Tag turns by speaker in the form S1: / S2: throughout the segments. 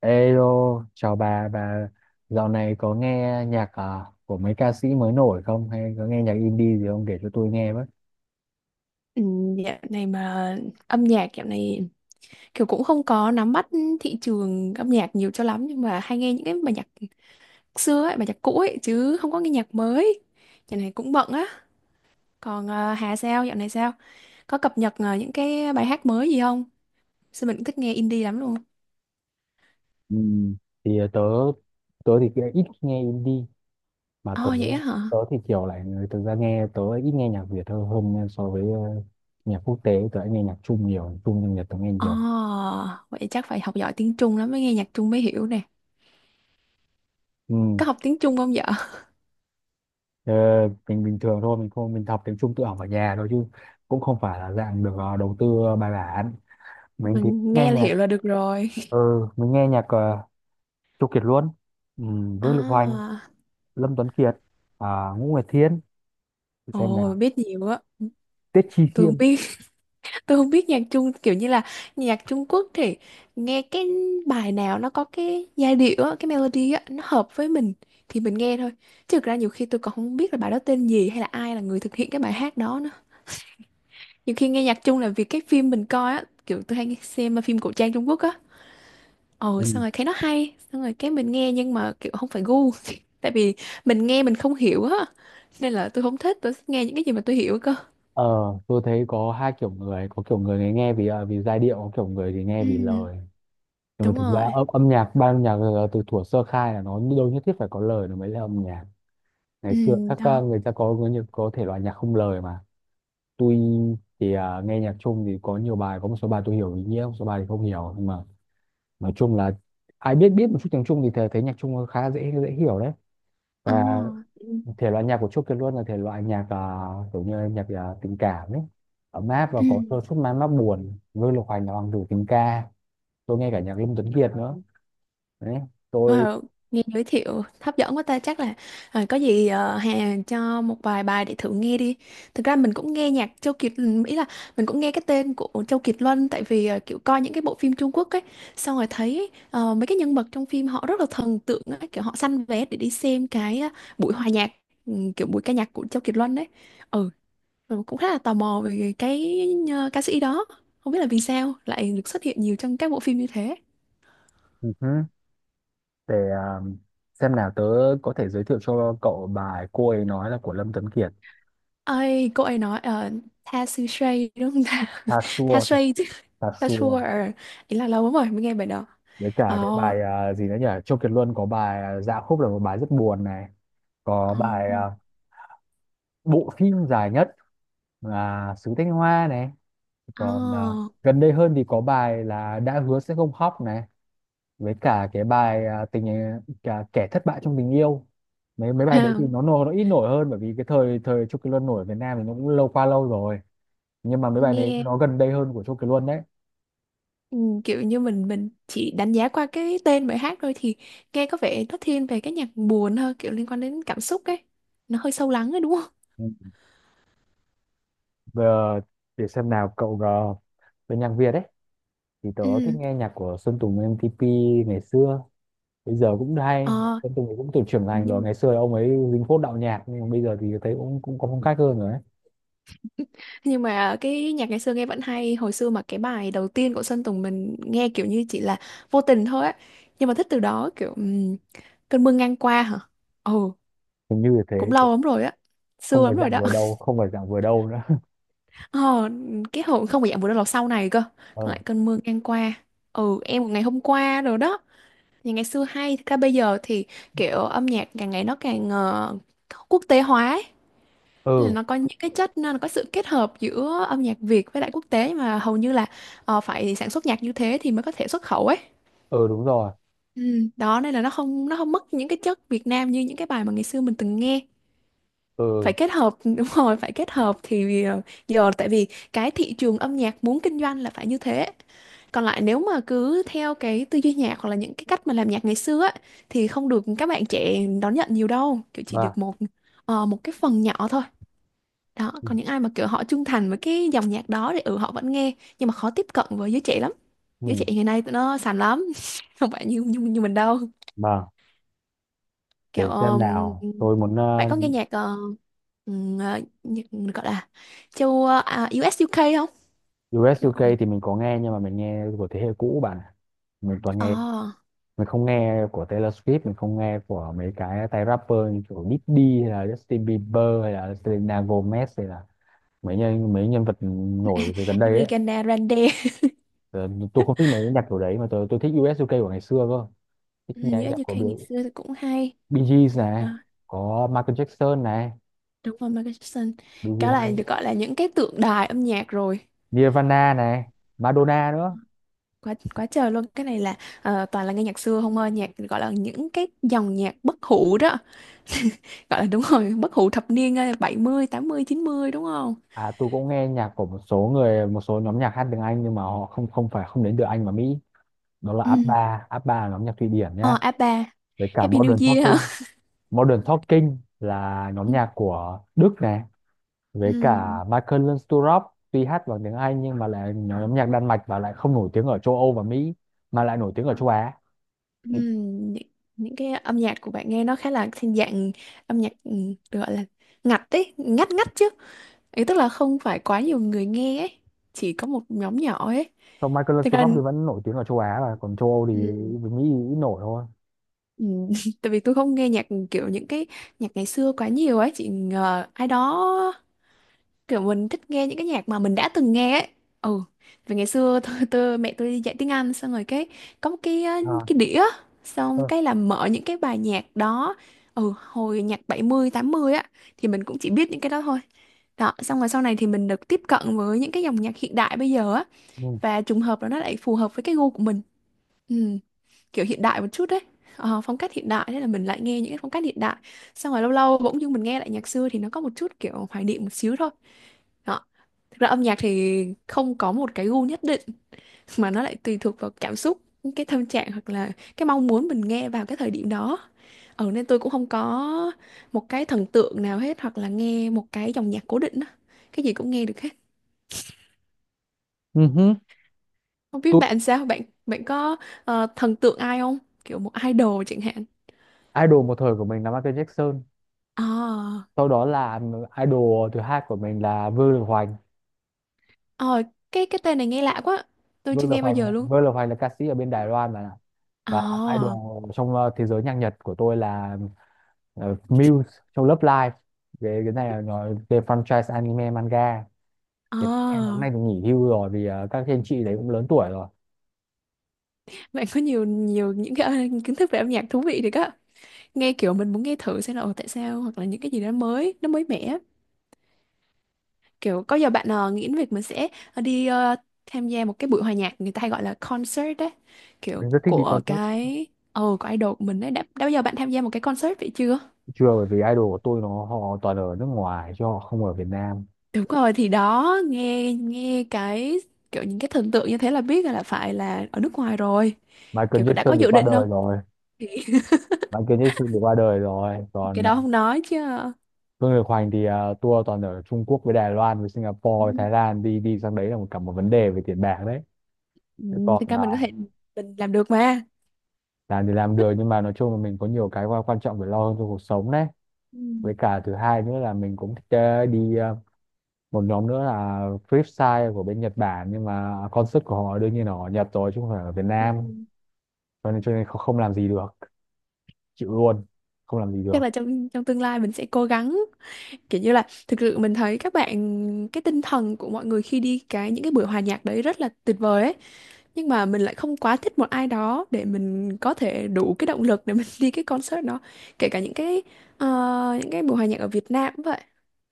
S1: Ê, chào bà dạo này có nghe nhạc của mấy ca sĩ mới nổi không? Hay có nghe nhạc indie gì không? Để cho tôi nghe với.
S2: Ừ, Dạo này mà âm nhạc dạo này kiểu cũng không có nắm bắt thị trường âm nhạc nhiều cho lắm nhưng mà hay nghe những cái bài nhạc xưa ấy, bài nhạc cũ ấy chứ không có nghe nhạc mới. Dạo này cũng bận á. Còn Hà sao dạo này sao? Có cập nhật những cái bài hát mới gì không? Sao mình cũng thích nghe indie lắm luôn.
S1: Ừ, thì tớ, tớ thì kia ít khi nghe indie, mà tớ,
S2: Ồ vậy á hả?
S1: tớ thì kiểu lại người thực ra nghe, tớ ít nghe nhạc Việt hơn, hơn nha, so với nhạc quốc tế, tớ lại nghe nhạc Trung nhiều, nhạc Trung nhưng Nhật tớ nghe
S2: Ồ
S1: nhiều.
S2: vậy chắc phải học giỏi tiếng Trung lắm mới nghe nhạc Trung mới hiểu nè.
S1: Ừ,
S2: Có học tiếng Trung không vợ?
S1: ờ, mình bình thường thôi, mình không, mình học tiếng Trung tự học ở nhà thôi chứ cũng không phải là dạng được đầu tư bài bản. Mình thì
S2: Mình
S1: nghe
S2: nghe là
S1: nhạc,
S2: hiểu là được rồi.
S1: ừ, mình nghe nhạc Châu Kiệt Luân, ừ, Vương Lực Hoành,
S2: À,
S1: Lâm Tuấn Kiệt, à, Ngũ Nguyệt Thiên, để xem
S2: ồ
S1: nào,
S2: biết nhiều á.
S1: Tiết Chi
S2: Tôi
S1: Khiêm.
S2: không biết Tôi không biết nhạc Trung kiểu như là nhạc Trung Quốc thì nghe cái bài nào nó có cái giai điệu á, cái melody á, nó hợp với mình thì mình nghe thôi. Chứ thực ra nhiều khi tôi còn không biết là bài đó tên gì hay là ai là người thực hiện cái bài hát đó nữa. Nhiều khi nghe nhạc Trung là vì cái phim mình coi á, kiểu tôi hay xem phim cổ trang Trung Quốc á. Ồ
S1: Ừ.
S2: xong rồi thấy nó hay, xong rồi cái mình nghe nhưng mà kiểu không phải gu. Tại vì mình nghe mình không hiểu á. Nên là tôi không thích, tôi thích nghe những cái gì mà tôi hiểu cơ.
S1: Ờ, tôi thấy có hai kiểu người, có kiểu người thì nghe vì vì giai điệu, có kiểu người thì nghe
S2: Ừ,
S1: vì lời. Nhưng mà
S2: đúng
S1: thực
S2: rồi.
S1: ra âm nhạc, ban âm nhạc là từ thuở sơ khai là nó đâu nhất thiết phải có lời nó mới là âm nhạc. Ngày
S2: Ừ,
S1: xưa các
S2: đó.
S1: người ta nhiều- có thể loại nhạc không lời mà. Tôi thì nghe nhạc chung thì có nhiều bài, có một số bài tôi hiểu ý nghĩa, một số bài thì không hiểu. Nhưng mà nói chung là ai biết biết một chút tiếng Trung thì thấy nhạc Trung khá dễ dễ hiểu đấy.
S2: Ờ.
S1: Và thể loại nhạc của Chốt Kiệt Luân là thể loại nhạc kiểu như nhạc tình cảm ấy, ấm áp và
S2: Ừ.
S1: có đôi chút man mác buồn. Vương Lục Hoành là hoàng tử tình ca, tôi nghe cả nhạc Lâm Tuấn Kiệt nữa đấy. Tôi
S2: Wow, nghe giới thiệu hấp dẫn quá ta chắc là à, có gì Hà cho một vài bài để thử nghe đi. Thực ra mình cũng nghe nhạc Châu Kiệt ừ, ý là mình cũng nghe cái tên của Châu Kiệt Luân tại vì kiểu coi những cái bộ phim Trung Quốc ấy xong rồi thấy mấy cái nhân vật trong phim họ rất là thần tượng ấy, kiểu họ săn vé để đi xem cái buổi hòa nhạc ừ, kiểu buổi ca nhạc của Châu Kiệt Luân ấy. Ừ, rồi cũng khá là tò mò về cái ca sĩ đó. Không biết là vì sao lại được xuất hiện nhiều trong các bộ phim như thế.
S1: ừ hứ, để xem nào, tớ có thể giới thiệu cho cậu bài cô ấy nói là của Lâm Tuấn Kiệt.
S2: Ơi cô ấy nói tha sư shay đúng không ta
S1: Tha
S2: tha
S1: Sure
S2: shay chứ
S1: Tha
S2: tha
S1: Sure
S2: sure, ý là lâu lắm rồi mới nghe bài đó.
S1: Với cả
S2: Ờ.
S1: cái bài gì nữa nhỉ, Châu Kiệt Luân có bài Dạ Khúc là một bài rất buồn này, có
S2: Ờ.
S1: bài bộ phim dài nhất là Sứ Thanh Hoa này,
S2: Ờ.
S1: còn à, gần đây hơn thì có bài là Đã Hứa Sẽ Không Khóc này, với cả cái bài cả Kẻ Thất Bại Trong Tình Yêu. Mấy mấy bài đấy
S2: À,
S1: thì nó nổi, nó ít nổi hơn bởi vì cái thời thời Chu Kỳ Luân nổi ở Việt Nam thì nó cũng lâu, qua lâu rồi, nhưng mà mấy bài này
S2: nghe
S1: nó gần đây hơn của Chu Kỳ Luân đấy.
S2: ừ, kiểu như mình chỉ đánh giá qua cái tên bài hát thôi thì nghe có vẻ nó thiên về cái nhạc buồn hơn, kiểu liên quan đến cảm xúc ấy, nó hơi sâu lắng ấy đúng không.
S1: Ừ. Vừa để xem nào cậu, uh, bên nhạc Việt đấy thì tớ thích
S2: Ừ.
S1: nghe nhạc của Sơn Tùng M-TP ngày xưa, bây giờ cũng hay.
S2: Ờ,
S1: Sơn Tùng thì cũng từ trưởng thành rồi,
S2: nhưng
S1: ngày xưa ông ấy dính phốt đạo nhạc nhưng mà bây giờ thì thấy cũng cũng có phong cách hơn rồi ấy.
S2: nhưng mà cái nhạc ngày xưa nghe vẫn hay. Hồi xưa mà cái bài đầu tiên của Sơn Tùng mình nghe kiểu như chỉ là vô tình thôi á, nhưng mà thích từ đó. Kiểu cơn mưa ngang qua hả. Ồ,
S1: Hình như là thế.
S2: cũng lâu lắm rồi á, xưa
S1: Không
S2: lắm
S1: phải
S2: rồi
S1: dạng
S2: đó.
S1: vừa đâu, không phải dạng vừa đâu nữa.
S2: Ờ, cái hồi không phải dạng vừa đâu là sau này cơ, còn
S1: Ờ,
S2: lại cơn mưa ngang qua, ừ em một ngày hôm qua rồi đó. Nhà ngày xưa hay thật ra bây giờ thì kiểu âm nhạc càng ngày nó càng quốc tế hóa ấy. Nên là
S1: ừ,
S2: nó có những cái chất, nó có sự kết hợp giữa âm nhạc Việt với lại quốc tế mà hầu như là phải sản xuất nhạc như thế thì mới có thể xuất khẩu ấy.
S1: ừ đúng rồi,
S2: Ừ, đó nên là nó không mất những cái chất Việt Nam như những cái bài mà ngày xưa mình từng nghe. Phải
S1: ừ
S2: kết hợp. Đúng rồi, phải kết hợp thì giờ tại vì cái thị trường âm nhạc muốn kinh doanh là phải như thế. Còn lại nếu mà cứ theo cái tư duy nhạc hoặc là những cái cách mà làm nhạc ngày xưa á, thì không được các bạn trẻ đón nhận nhiều đâu, kiểu chỉ
S1: và
S2: được một một cái phần nhỏ thôi đó.
S1: ừ,
S2: Còn những ai mà kiểu họ trung thành với cái dòng nhạc đó thì ừ họ vẫn nghe nhưng mà khó tiếp cận với giới trẻ lắm. Giới trẻ
S1: ừ,
S2: ngày nay tụi nó sành lắm. Không phải như như, như mình đâu.
S1: vâng.
S2: Kiểu
S1: Để xem nào tôi muốn
S2: bạn có nghe nhạc nhạc gọi là châu u UK không,
S1: US
S2: kiểu.
S1: UK thì mình có nghe nhưng mà mình nghe của thế hệ cũ bạn ạ. Mình toàn nghe,
S2: Oh,
S1: mình không nghe của Taylor Swift, mình không nghe của mấy cái tay rapper như kiểu Diddy hay là Justin Bieber hay là Selena Gomez hay là mấy nhân vật nổi từ gần đây ấy.
S2: Ariana Grande.
S1: Ờ, tôi không thích mấy nhạc kiểu đấy mà tôi thích US UK của ngày xưa cơ, thích
S2: Ừ,
S1: nhạc
S2: u
S1: nhạc của
S2: UK
S1: Bill,
S2: ngày xưa thì cũng hay.
S1: Bee Gees này,
S2: Đó,
S1: có Michael Jackson này,
S2: đúng rồi Michael Jackson,
S1: Bee
S2: cái
S1: Gees
S2: là
S1: hay,
S2: được gọi là những cái tượng đài âm nhạc rồi,
S1: Nirvana này, Madonna nữa.
S2: quá quá trời luôn. Cái này là toàn là nghe nhạc xưa không ơi, nhạc gọi là những cái dòng nhạc bất hủ đó, gọi là đúng rồi bất hủ thập niên bảy mươi tám mươi, chín mươi đúng không.
S1: À, tôi cũng nghe nhạc của một số người, một số nhóm nhạc hát tiếng Anh nhưng mà họ không không phải không đến từ Anh và Mỹ. Đó là
S2: Ừ.
S1: ABBA. ABBA là nhóm nhạc Thụy Điển
S2: Ờ
S1: nhá,
S2: a ba.
S1: với cả
S2: Happy New
S1: Modern
S2: Year
S1: Talking.
S2: hả.
S1: Modern Talking là nhóm
S2: Ừ.
S1: nhạc của Đức này, với
S2: Ừ.
S1: cả Michael Learns to Rock tuy hát bằng tiếng Anh nhưng mà lại nhóm nhạc Đan Mạch và lại không nổi tiếng ở châu Âu và Mỹ mà lại nổi tiếng ở châu Á.
S2: Ừ. Những, những cái âm nhạc của bạn nghe nó khá là thiên dạng, âm nhạc ừ, được gọi là ngặt ấy, ngắt ngắt chứ, ý tức là không phải quá nhiều người nghe ấy, chỉ có một nhóm nhỏ ấy.
S1: Còn Michael
S2: Thực ra
S1: Snow thì vẫn nổi tiếng ở châu Á, và còn châu Âu thì
S2: ừ.
S1: với Mỹ nghĩ ít nổi thôi.
S2: Ừ, tại vì tôi không nghe nhạc kiểu những cái nhạc ngày xưa quá nhiều ấy chị ngờ ai đó, kiểu mình thích nghe những cái nhạc mà mình đã từng nghe ấy. Ừ, vì ngày xưa tôi mẹ tôi đi dạy tiếng Anh xong rồi cái có một cái
S1: À,
S2: cái đĩa, xong
S1: ờ,
S2: cái là mở những cái bài nhạc đó. Ừ, hồi nhạc bảy mươi tám mươi á thì mình cũng chỉ biết những cái đó thôi. Đó xong rồi sau này thì mình được tiếp cận với những cái dòng nhạc hiện đại bây giờ á,
S1: ừ.
S2: và trùng hợp là nó lại phù hợp với cái gu của mình. Ừ, kiểu hiện đại một chút đấy. Ờ, phong cách hiện đại, thế là mình lại nghe những cái phong cách hiện đại, xong rồi lâu lâu bỗng dưng mình nghe lại nhạc xưa thì nó có một chút kiểu hoài niệm một xíu thôi đó. Thực ra âm nhạc thì không có một cái gu nhất định mà nó lại tùy thuộc vào cảm xúc, cái tâm trạng hoặc là cái mong muốn mình nghe vào cái thời điểm đó. Ừ, nên tôi cũng không có một cái thần tượng nào hết hoặc là nghe một cái dòng nhạc cố định đó. Cái gì cũng nghe được hết.
S1: Ừ hứ.
S2: Không biết
S1: Tôi
S2: bạn sao, bạn bạn có thần tượng ai không, kiểu một idol chẳng hạn.
S1: idol một thời của mình là Michael Jackson.
S2: À.
S1: Sau đó là idol thứ hai của mình là Vương Lực Hoành.
S2: Ờ, cái tên này nghe lạ quá. Tôi chưa nghe bao giờ luôn.
S1: Vương Lực Hoành là ca sĩ ở bên Đài Loan mà, và
S2: Ờ,
S1: idol trong thế giới nhạc Nhật của tôi là Muse trong Love Live. Cái này là nói về franchise anime manga. Thì các em hôm
S2: ờ.
S1: nay thì nghỉ hưu rồi vì các anh chị đấy cũng lớn tuổi rồi.
S2: Bạn có nhiều nhiều những cái kiến thức về âm nhạc thú vị thì á. Nghe kiểu mình muốn nghe thử xem là ồ, tại sao hoặc là những cái gì đó mới, nó mới mẻ. Kiểu có giờ bạn nghĩ đến việc mình sẽ đi tham gia một cái buổi hòa nhạc người ta hay gọi là concert đấy. Kiểu
S1: Mình rất thích đi
S2: của
S1: concert.
S2: cái của idol của mình đấy. Đã bao giờ bạn tham gia một cái concert vậy chưa?
S1: Chưa, bởi vì idol của tôi nó họ toàn ở nước ngoài chứ họ không ở Việt Nam.
S2: Đúng rồi thì đó, nghe nghe cái kiểu những cái thần tượng như thế là biết là phải là ở nước ngoài rồi.
S1: Michael
S2: Kiểu đã có
S1: Jackson thì
S2: dự
S1: qua
S2: định không
S1: đời rồi
S2: thì
S1: Michael Jackson thì qua đời rồi, còn
S2: cái
S1: à,
S2: đó không nói chứ.
S1: Phương Lực Hoành thì à, tour toàn ở Trung Quốc với Đài Loan với Singapore
S2: Ừ,
S1: với Thái Lan, đi đi sang đấy là một cả một vấn đề về tiền bạc đấy.
S2: ừ,
S1: Thế
S2: thực
S1: còn
S2: ra
S1: à,
S2: mình có thể mình làm được mà.
S1: làm thì làm được nhưng mà nói chung là mình có nhiều cái quan quan trọng phải lo hơn trong cuộc sống đấy.
S2: Ừ.
S1: Với cả thứ hai nữa là mình cũng thích đi, một nhóm nữa là Flipside của bên Nhật Bản, nhưng mà concert của họ đương nhiên là ở Nhật rồi chứ không phải ở Việt
S2: Ừ.
S1: Nam, cho nên không, không làm gì được. Chịu luôn, không làm gì được.
S2: Chắc là trong trong tương lai mình sẽ cố gắng, kiểu như là thực sự mình thấy các bạn, cái tinh thần của mọi người khi đi cái những cái buổi hòa nhạc đấy rất là tuyệt vời ấy, nhưng mà mình lại không quá thích một ai đó để mình có thể đủ cái động lực để mình đi cái concert đó, kể cả những cái ờ, những cái buổi hòa nhạc ở Việt Nam cũng vậy.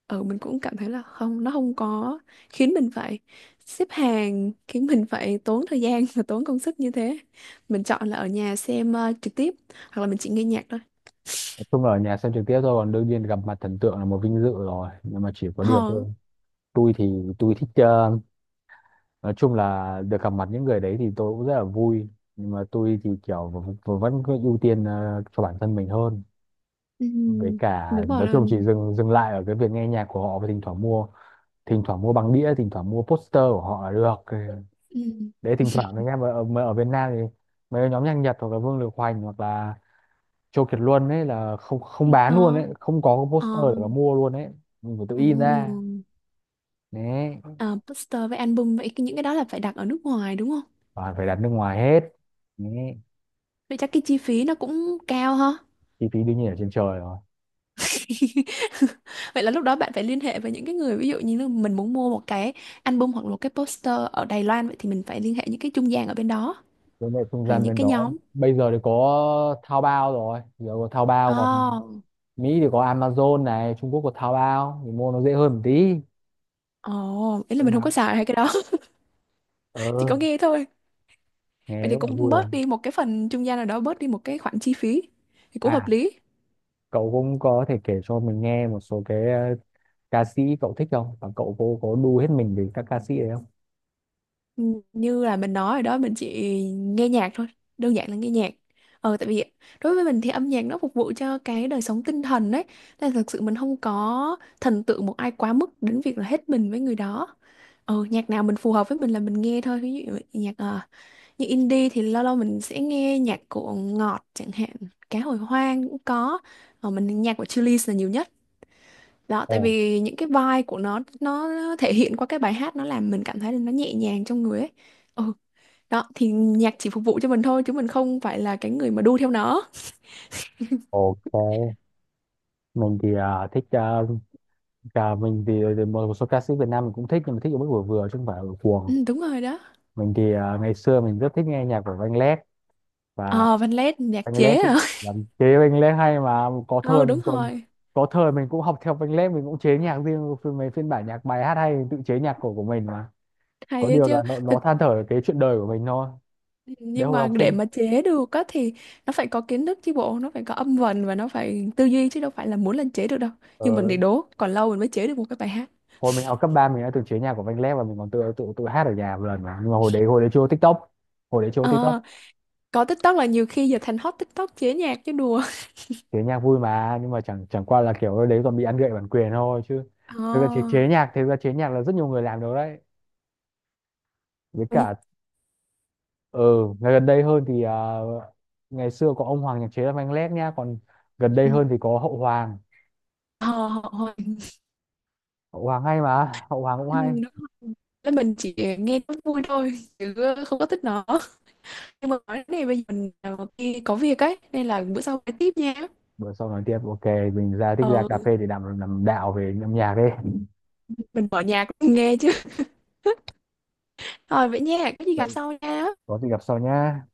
S2: Ừ mình cũng cảm thấy là không, nó không có khiến mình phải xếp hàng, khiến mình phải tốn thời gian và tốn công sức như thế. Mình chọn là ở nhà xem trực tiếp hoặc là mình chỉ nghe nhạc thôi.
S1: Nói chung là ở nhà xem trực tiếp thôi, còn đương nhiên gặp mặt thần tượng là một vinh dự rồi nhưng mà chỉ có điều
S2: Ờ.
S1: thôi. Tôi thì tôi thích nói chung là được gặp mặt những người đấy thì tôi cũng rất là vui, nhưng mà tôi thì kiểu vẫn cứ ưu tiên cho bản thân mình hơn. Với
S2: Ừm,
S1: cả
S2: đúng rồi
S1: nói
S2: là-
S1: chung chỉ dừng dừng lại ở cái việc nghe nhạc của họ và thỉnh thoảng mua, thỉnh thoảng mua băng đĩa, thỉnh thoảng mua poster của họ là được. Ừ. Đấy, thỉnh thoảng anh em ở Việt Nam thì mấy cái nhóm nhạc Nhật hoặc là Vương Lực Hoành hoặc là Châu Kiệt Luân ấy là không không bán luôn ấy,
S2: có.
S1: không có cái
S2: Ờ
S1: poster để mà mua luôn ấy, mình phải tự in ra
S2: ừm,
S1: đấy,
S2: ờ, poster với album vậy cái- những cái đó là phải đặt ở nước ngoài đúng không?
S1: toàn phải đặt nước ngoài hết đấy.
S2: Vậy chắc cái chi phí nó cũng cao ha.
S1: Chi phí đương nhiên ở trên trời rồi,
S2: Vậy là lúc đó bạn phải liên hệ với những cái người, ví dụ như là mình muốn mua một cái album hoặc là một cái poster ở Đài Loan, vậy thì mình phải liên hệ những cái trung gian ở bên đó
S1: với lại không
S2: hoặc là
S1: gian
S2: những
S1: bên
S2: cái
S1: đó
S2: nhóm.
S1: bây giờ thì có Taobao rồi, giờ có Taobao,
S2: Ồ,
S1: còn Mỹ thì có Amazon này, Trung Quốc có Taobao thì mua nó dễ hơn một tí.
S2: ồ, ý là
S1: Nhưng
S2: mình
S1: mà
S2: không có xài hay cái đó,
S1: ờ
S2: chỉ có nghe thôi.
S1: nghe
S2: Vậy thì
S1: rất là
S2: cũng
S1: vui rồi.
S2: bớt đi một cái phần trung gian nào đó, bớt đi một cái khoản chi phí thì cũng hợp
S1: À
S2: lý.
S1: cậu cũng có thể kể cho mình nghe một số cái ca sĩ cậu thích không, và cậu có đu hết mình về các ca sĩ đấy không?
S2: Như là mình nói rồi đó, mình chỉ nghe nhạc thôi, đơn giản là nghe nhạc. Ờ tại vì đối với mình thì âm nhạc nó phục vụ cho cái đời sống tinh thần đấy, nên là thực sự mình không có thần tượng một ai quá mức đến việc là hết mình với người đó. Ờ nhạc nào mình phù hợp với mình là mình nghe thôi, ví dụ nhạc như indie thì lâu lâu mình sẽ nghe nhạc của Ngọt chẳng hạn, Cá Hồi Hoang cũng có, mình nhạc của Chillies là nhiều nhất đó, tại
S1: Ồ,
S2: vì những cái vibe của nó thể hiện qua cái bài hát nó làm mình cảm thấy là nó nhẹ nhàng trong người ấy. Ừ, đó, thì nhạc chỉ phục vụ cho mình thôi chứ mình không phải là cái người mà đu theo nó.
S1: ok, mình thì à, thích à, cả mình thì, ờ, thì một số ca sĩ Việt Nam mình cũng thích nhưng mà thích ở mức vừa vừa chứ không phải ở
S2: Ừ,
S1: cuồng.
S2: đúng rồi đó.
S1: Mình thì à, ngày xưa mình rất thích nghe nhạc của Anh Lét, và
S2: Ờ, Văn Lét, nhạc
S1: Anh
S2: chế
S1: Lét cũng
S2: à?
S1: làm chế. Anh Lét hay mà, có thời
S2: Ừ, đúng
S1: mình còn,
S2: rồi.
S1: có thời mình cũng học theo Anh Lét, mình cũng chế nhạc riêng phiên- mấy phiên bản nhạc bài hát hay mình tự chế nhạc cổ của mình mà, có
S2: Hay ấy
S1: điều
S2: chứ.
S1: là
S2: Thực
S1: nó than thở cái chuyện đời của mình thôi. Đấy
S2: nhưng
S1: hồi
S2: mà
S1: học
S2: để
S1: sinh,
S2: mà chế được á thì nó phải có kiến thức chứ bộ, nó phải có âm vần và nó phải tư duy chứ đâu phải là muốn lên chế được đâu. Nhưng mình
S1: ờ,
S2: thì đố, còn lâu mình mới chế được một cái bài hát.
S1: hồi mình học cấp ba mình đã từng chế nhạc của Anh Lét và mình còn tự tự tự hát ở nhà một lần mà, nhưng mà hồi đấy chưa có TikTok, hồi đấy chưa có TikTok.
S2: Ờ, có TikTok là nhiều khi giờ thành hot TikTok chế nhạc chứ đùa.
S1: Chế nhạc vui mà, nhưng mà chẳng chẳng qua là kiểu đấy còn bị ăn gậy bản quyền thôi chứ. Thực ra
S2: Ờ,
S1: chế nhạc, là rất nhiều người làm được đấy. Với
S2: nhưng-
S1: cả ờ ngày gần đây hơn thì à, ngày xưa có ông Hoàng nhạc chế là Manh Lét nhá, còn gần đây
S2: ừ,
S1: hơn thì có Hậu Hoàng.
S2: ờ, hồi-
S1: Hậu Hoàng hay mà Hậu Hoàng cũng
S2: ừ,
S1: hay.
S2: đúng rồi. Thế mình chỉ nghe nó vui thôi chứ không có thích nó, nhưng mà nói đến này bây giờ mình đi có việc ấy nên là bữa sau phải tiếp nha.
S1: Bữa sau nói tiếp, ok. Mình ra thích ra cà
S2: Ờ
S1: phê để làm đạo về âm nhạc đi.
S2: mình mở nhạc nghe chứ. Rồi vậy nha, có gì gặp
S1: Vậy
S2: sau nha.
S1: có gì gặp sau nhá.